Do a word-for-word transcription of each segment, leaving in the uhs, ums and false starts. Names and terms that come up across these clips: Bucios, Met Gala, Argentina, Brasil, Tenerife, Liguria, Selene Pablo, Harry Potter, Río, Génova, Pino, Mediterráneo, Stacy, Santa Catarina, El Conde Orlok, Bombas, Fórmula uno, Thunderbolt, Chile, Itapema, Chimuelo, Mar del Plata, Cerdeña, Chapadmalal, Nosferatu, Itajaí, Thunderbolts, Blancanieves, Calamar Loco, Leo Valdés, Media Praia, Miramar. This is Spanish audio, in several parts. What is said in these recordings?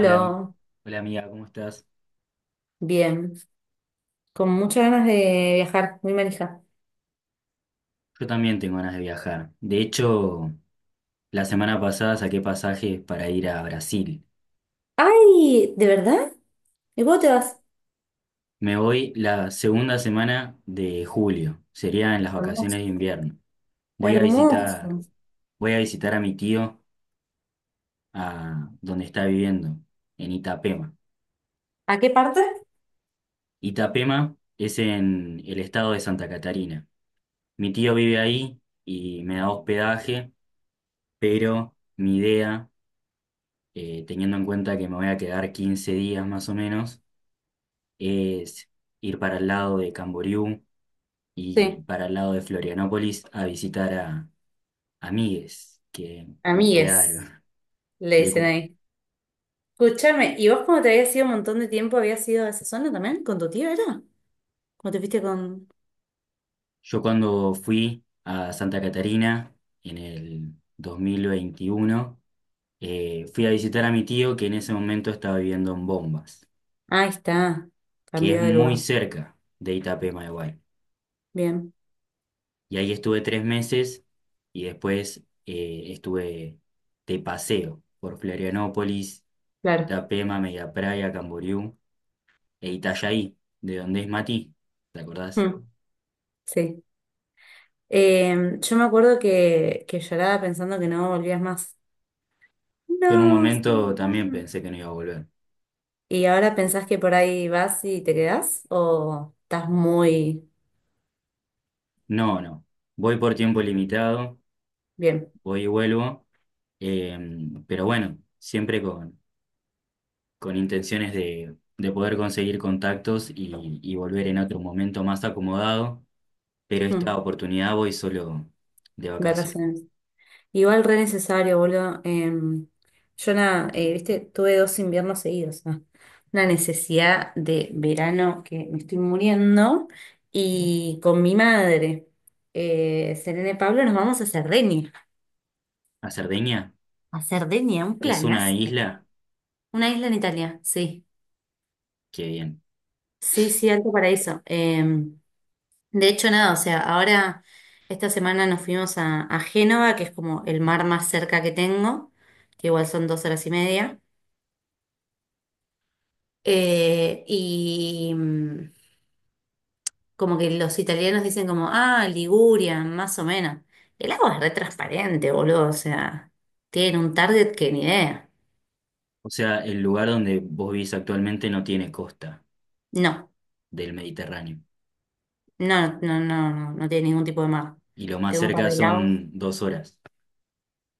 Hola, am- hola amiga, ¿cómo estás? bien. Con muchas ganas de viajar, muy manija. Yo también tengo ganas de viajar. De hecho, la semana pasada saqué pasajes para ir a Brasil. ¡Ay! ¿De verdad? ¿Y cómo te vas? Me voy la segunda semana de julio, sería en las Hermoso. vacaciones de invierno. Voy a visitar, Hermoso. voy a visitar a mi tío a donde está viviendo, en Itapema. ¿A qué parte? Itapema es en el estado de Santa Catarina. Mi tío vive ahí y me da hospedaje, pero mi idea eh, teniendo en cuenta que me voy a quedar quince días más o menos, es ir para el lado de Camboriú y Sí. para el lado de Florianópolis a visitar a amigues que me Amigues, quedaron. le De dicen cu- ahí. Escúchame, ¿y vos como te habías ido un montón de tiempo, habías ido a esa zona también? ¿Con tu tío era? ¿Cómo te fuiste con...? yo cuando fui a Santa Catarina en el dos mil veintiuno, eh, fui a visitar a mi tío que en ese momento estaba viviendo en Bombas, Ah, ahí está. que es Cambió de muy lugar. cerca de Itapema, igual. Bien, Y ahí estuve tres meses y después eh, estuve de paseo por Florianópolis, claro. Itapema, Media Praia, Camboriú e Itajaí, de donde es Mati, ¿te acordás? Mm, sí. Eh, yo me acuerdo que, que lloraba pensando que no volvías más. Yo en un No, se momento va. también pensé que no iba a volver. ¿Y ahora pensás que por ahí vas y te quedás? ¿O estás muy No, no, voy por tiempo limitado, bien? voy y vuelvo, eh, pero bueno, siempre con, con intenciones de, de poder conseguir contactos y y volver en otro momento más acomodado, pero esta Mm, oportunidad voy solo de vacación. vacaciones. Igual re necesario, boludo. Em, yo na- eh, viste, tuve dos inviernos seguidos, ¿no? Una necesidad de verano que me estoy muriendo. Y con mi madre, eh, Selene Pablo, nos vamos a Cerdeña. A Cerdeña A Cerdeña, un es una planazo. isla Una isla en Italia, sí. que bien. Sí, sí, alto paraíso. Eh, De hecho, nada, o sea, ahora esta semana nos fuimos a, a Génova, que es como el mar más cerca que tengo, que igual son dos horas y media. Eh, y mm, como que los italianos dicen como, ah, Liguria, más o menos. El agua es re transparente, boludo, o sea, tienen un target que ni idea. O sea, el lugar donde vos vivís actualmente no tiene costa No, del Mediterráneo. no, no, no, no, no tiene ningún tipo de mar. Y lo más Tengo un par cerca de lagos, son dos horas.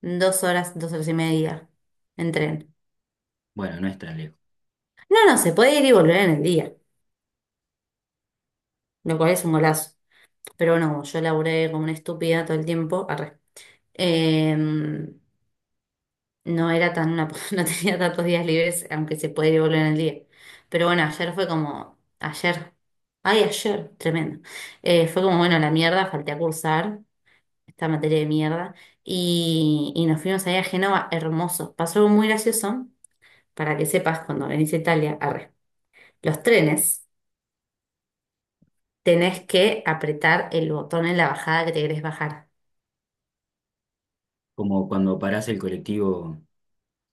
dos horas, dos horas y media en tren. Bueno, no es tan lejos. No, no, se puede ir y volver en el día, lo cual es un golazo. Pero no, yo laburé como una estúpida todo el tiempo, arre. Eh, no era tan una, no tenía tantos días libres, aunque se puede volver en el día. Pero bueno, ayer fue como, ayer, ay, ayer, tremendo. Eh, fue como, bueno, la mierda, falté a cursar esta materia de mierda. Y, y nos fuimos ahí a Génova, hermoso. Pasó algo muy gracioso, para que sepas, cuando venís a Italia, arre. Los trenes, tenés que apretar el botón en la bajada que te querés bajar. Como cuando parás el colectivo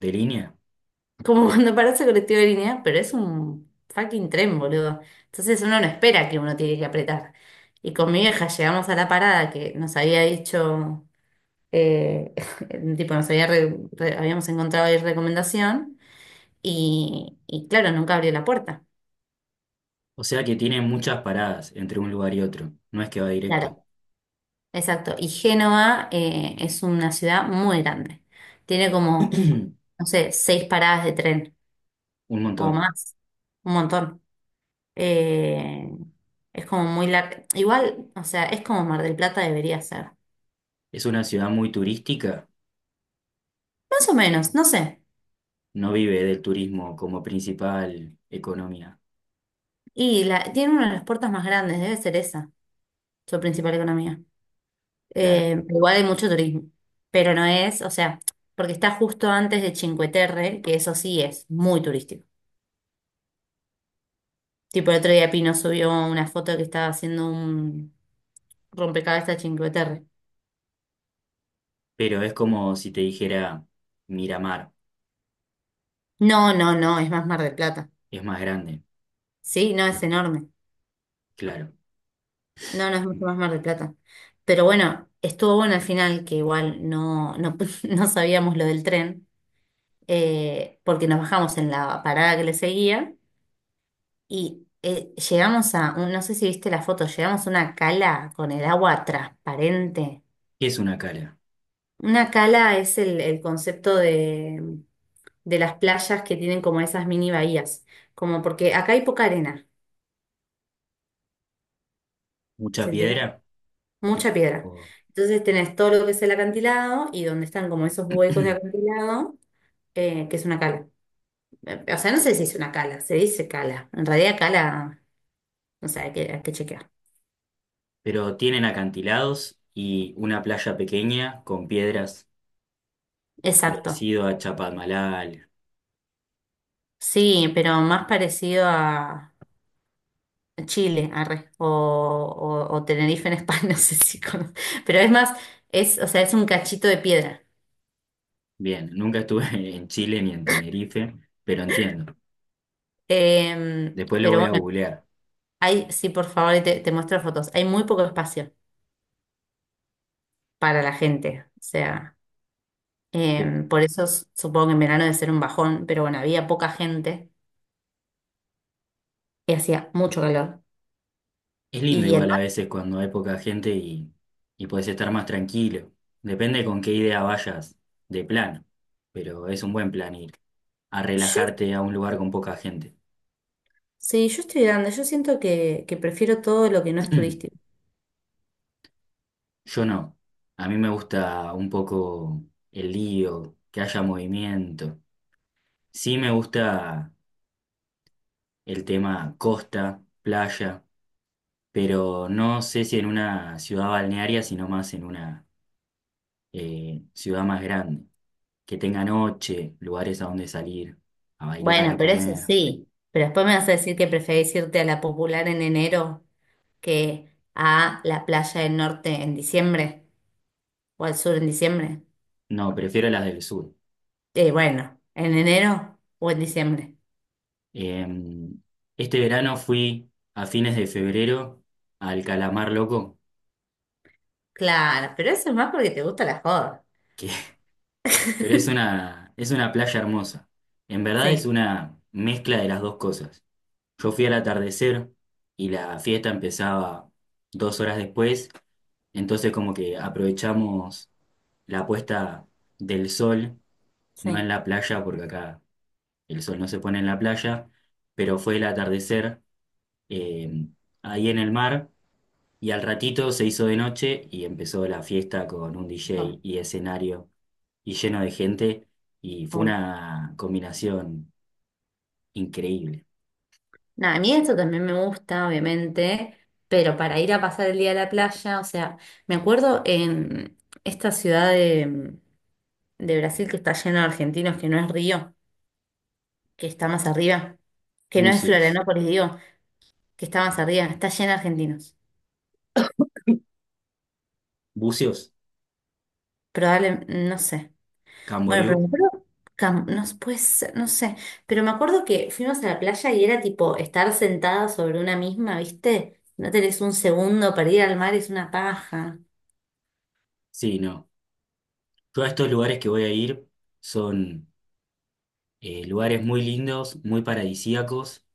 de línea. Como cuando parece colectivo de línea, pero es un fucking tren, boludo. Entonces uno no espera que uno tiene que apretar. Y con mi vieja llegamos a la parada que nos había dicho, eh, tipo, nos había re- re- habíamos encontrado ahí recomendación y, y claro, nunca abrió la puerta. O sea que tiene muchas paradas entre un lugar y otro. No es que va directo. Claro, exacto. Y Génova, eh, es una ciudad muy grande. Tiene como, no sé, seis paradas de tren Un o montón. más, un montón. Eh, es como muy larga. Igual, o sea, es como Mar del Plata debería ser. Es una ciudad muy turística. Más o menos, no sé. No vive del turismo como principal economía. Y la, tiene una de las puertas más grandes, debe ser esa, su principal economía. Claro. Eh, igual hay mucho turismo, pero no es, o sea, porque está justo antes de Cinque Terre, que eso sí es muy turístico. Tipo, el otro día Pino subió una foto que estaba haciendo un rompecabezas de Cinque Terre. Pero es como si te dijera Miramar, No, no, no, es más Mar del Plata. es más grande, Sí, no, es enorme. claro. No, no es mucho más Mar del Plata. Pero bueno, estuvo bueno al final, que igual no, no, no sabíamos lo del tren, eh, porque nos bajamos en la parada que le seguía y eh, llegamos a, un- no sé si viste la foto, llegamos a una cala con el agua transparente. ¿Qué es una cala? Una cala es el, el concepto de, de las playas que tienen como esas mini bahías, como porque acá hay poca arena, ¿Mucha ¿se entiende? piedra? Mucha piedra. O- Entonces tenés todo lo que es el acantilado y donde están como esos huecos de acantilado, eh, que es una cala. Eh, O sea, no sé si es una cala, se dice cala. En realidad cala, no sé, hay que, hay que chequear. Pero tienen acantilados y una playa pequeña con piedras Exacto. parecido a Chapadmalal. Sí, pero más parecido a Chile, arre, o, o, o Tenerife en España, no sé si cono- Pero es más, es, o sea, es un cachito de piedra. Bien, nunca estuve en Chile ni en Tenerife, pero entiendo. Em, Después lo Pero voy a bueno, googlear. hay, sí, por favor, te, te muestro fotos. Hay muy poco espacio para la gente. O sea. Em, por eso s- supongo que en verano debe ser un bajón, pero bueno, había poca gente y hacía mucho calor. Es lindo Y el igual a mar, veces cuando hay poca gente y, y puedes estar más tranquilo. Depende con qué idea vayas de plan, pero es un buen plan ir a yo, relajarte a un lugar con poca gente. sí, yo estoy grande, yo siento que, que prefiero todo lo que no es turístico. Yo no. A mí me gusta un poco el lío, que haya movimiento. Sí me gusta el tema costa, playa, pero no sé si en una ciudad balnearia, sino más en una eh, ciudad más grande, que tenga noche, lugares a donde salir, a bailar, Bueno, a pero eso comer. sí, pero después me vas a decir que preferís irte a la popular en enero que a la playa del norte en diciembre o al sur en diciembre. No, prefiero las del sur. Eh, bueno, en enero o en diciembre. Eh, este verano fui a fines de febrero al Calamar Loco, Claro, pero eso es más porque te gusta la joda. que, pero es una, es una playa hermosa. En verdad es Sí, una mezcla de las dos cosas. Yo fui al atardecer y la fiesta empezaba dos horas después, entonces como que aprovechamos la puesta del sol no en sí, la playa, porque acá el sol no se pone en la playa, pero fue el atardecer eh, ahí en el mar y al ratito se hizo de noche y empezó la fiesta con un D J mejor, y escenario y lleno de gente y fue obvio. una combinación increíble. Nada, a mí esto también me gusta, obviamente, pero para ir a pasar el día a la playa, o sea, me acuerdo en esta ciudad de, de Brasil que está llena de argentinos, que no es Río, que está más arriba, que no es Bucios, Florianópolis, digo, que está más arriba, está llena de argentinos. Bucios, Probablemente, no sé. Bueno, pero me Camboriú, acuerdo, Cam- no s- puede ser, no sé, pero me acuerdo que fuimos a la playa y era tipo estar sentada sobre una misma, ¿viste? No tenés un segundo para ir al mar, es una paja. sí, no. Todos estos lugares que voy a ir son eh, lugares muy lindos, muy paradisíacos,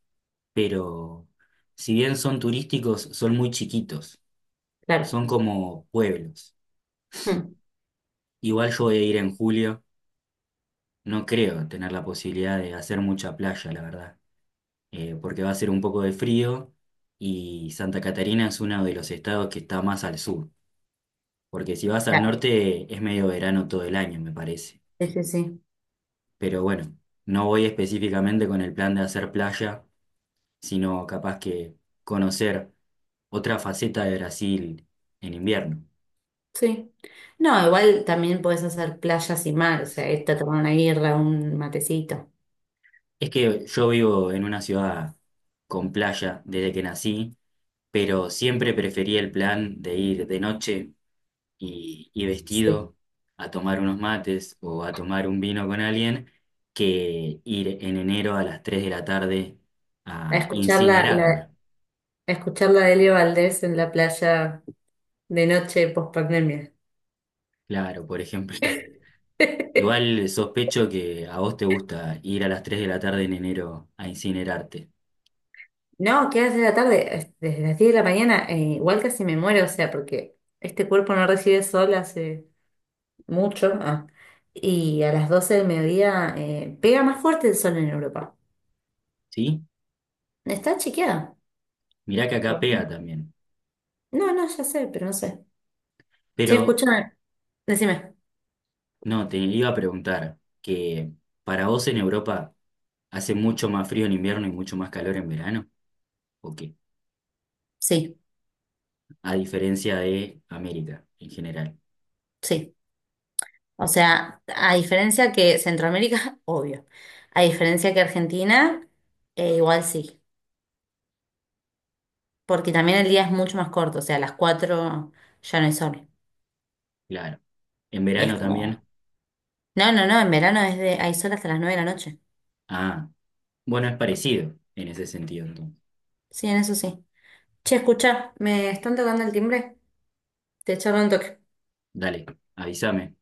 pero si bien son turísticos, son muy chiquitos. Claro. Son como pueblos. Mm. Igual yo voy a ir en julio. No creo tener la posibilidad de hacer mucha playa, la verdad. Eh, porque va a ser un poco de frío y Santa Catarina es uno de los estados que está más al sur. Porque si vas al norte es medio verano todo el año, me parece. Sí, sí, sí. Pero bueno, no voy específicamente con el plan de hacer playa, sino capaz que conocer otra faceta de Brasil en invierno. Sí. No, igual también puedes hacer playas y mar, o sea, irte a tomar una birra, un matecito. Es que yo vivo en una ciudad con playa desde que nací pero siempre prefería el plan de ir de noche y, y Sí. vestido a tomar unos mates o a tomar un vino con alguien que ir en enero a las tres de la tarde A a escuchar la, la, incinerarme. a escuchar la de Leo Valdés en la playa de noche post pandemia. Claro, por ejemplo. Igual sospecho que a vos te gusta ir a las tres de la tarde en enero a incinerarte, No, ¿qué hace la tarde? Es- Desde las diez de la mañana, eh, igual casi me muero, o sea, porque este cuerpo no recibe sol hace mucho. ah, y a las doce del mediodía, eh, pega más fuerte el sol en Europa. ¿sí? Está chequeada. Mirá que acá por- pega también. No, no, ya sé, pero no sé. Che, Pero escucha. Decime, no, te iba a preguntar que para vos en Europa hace mucho más frío en invierno y mucho más calor en verano. Ok. sí, A diferencia de América en general. sí. O sea, a diferencia que Centroamérica, obvio. A diferencia que Argentina, eh, igual sí. Porque también el día es mucho más corto. O sea, a las cuatro ya no hay sol. Claro. En Y es verano también. como. No, no, no, en verano es de, hay sol hasta las nueve de la noche. Ah, bueno, es parecido en ese sentido, entonces. Sí, en eso sí. Che, escucha, me están tocando el timbre. Te echaron un toque. Dale, avísame.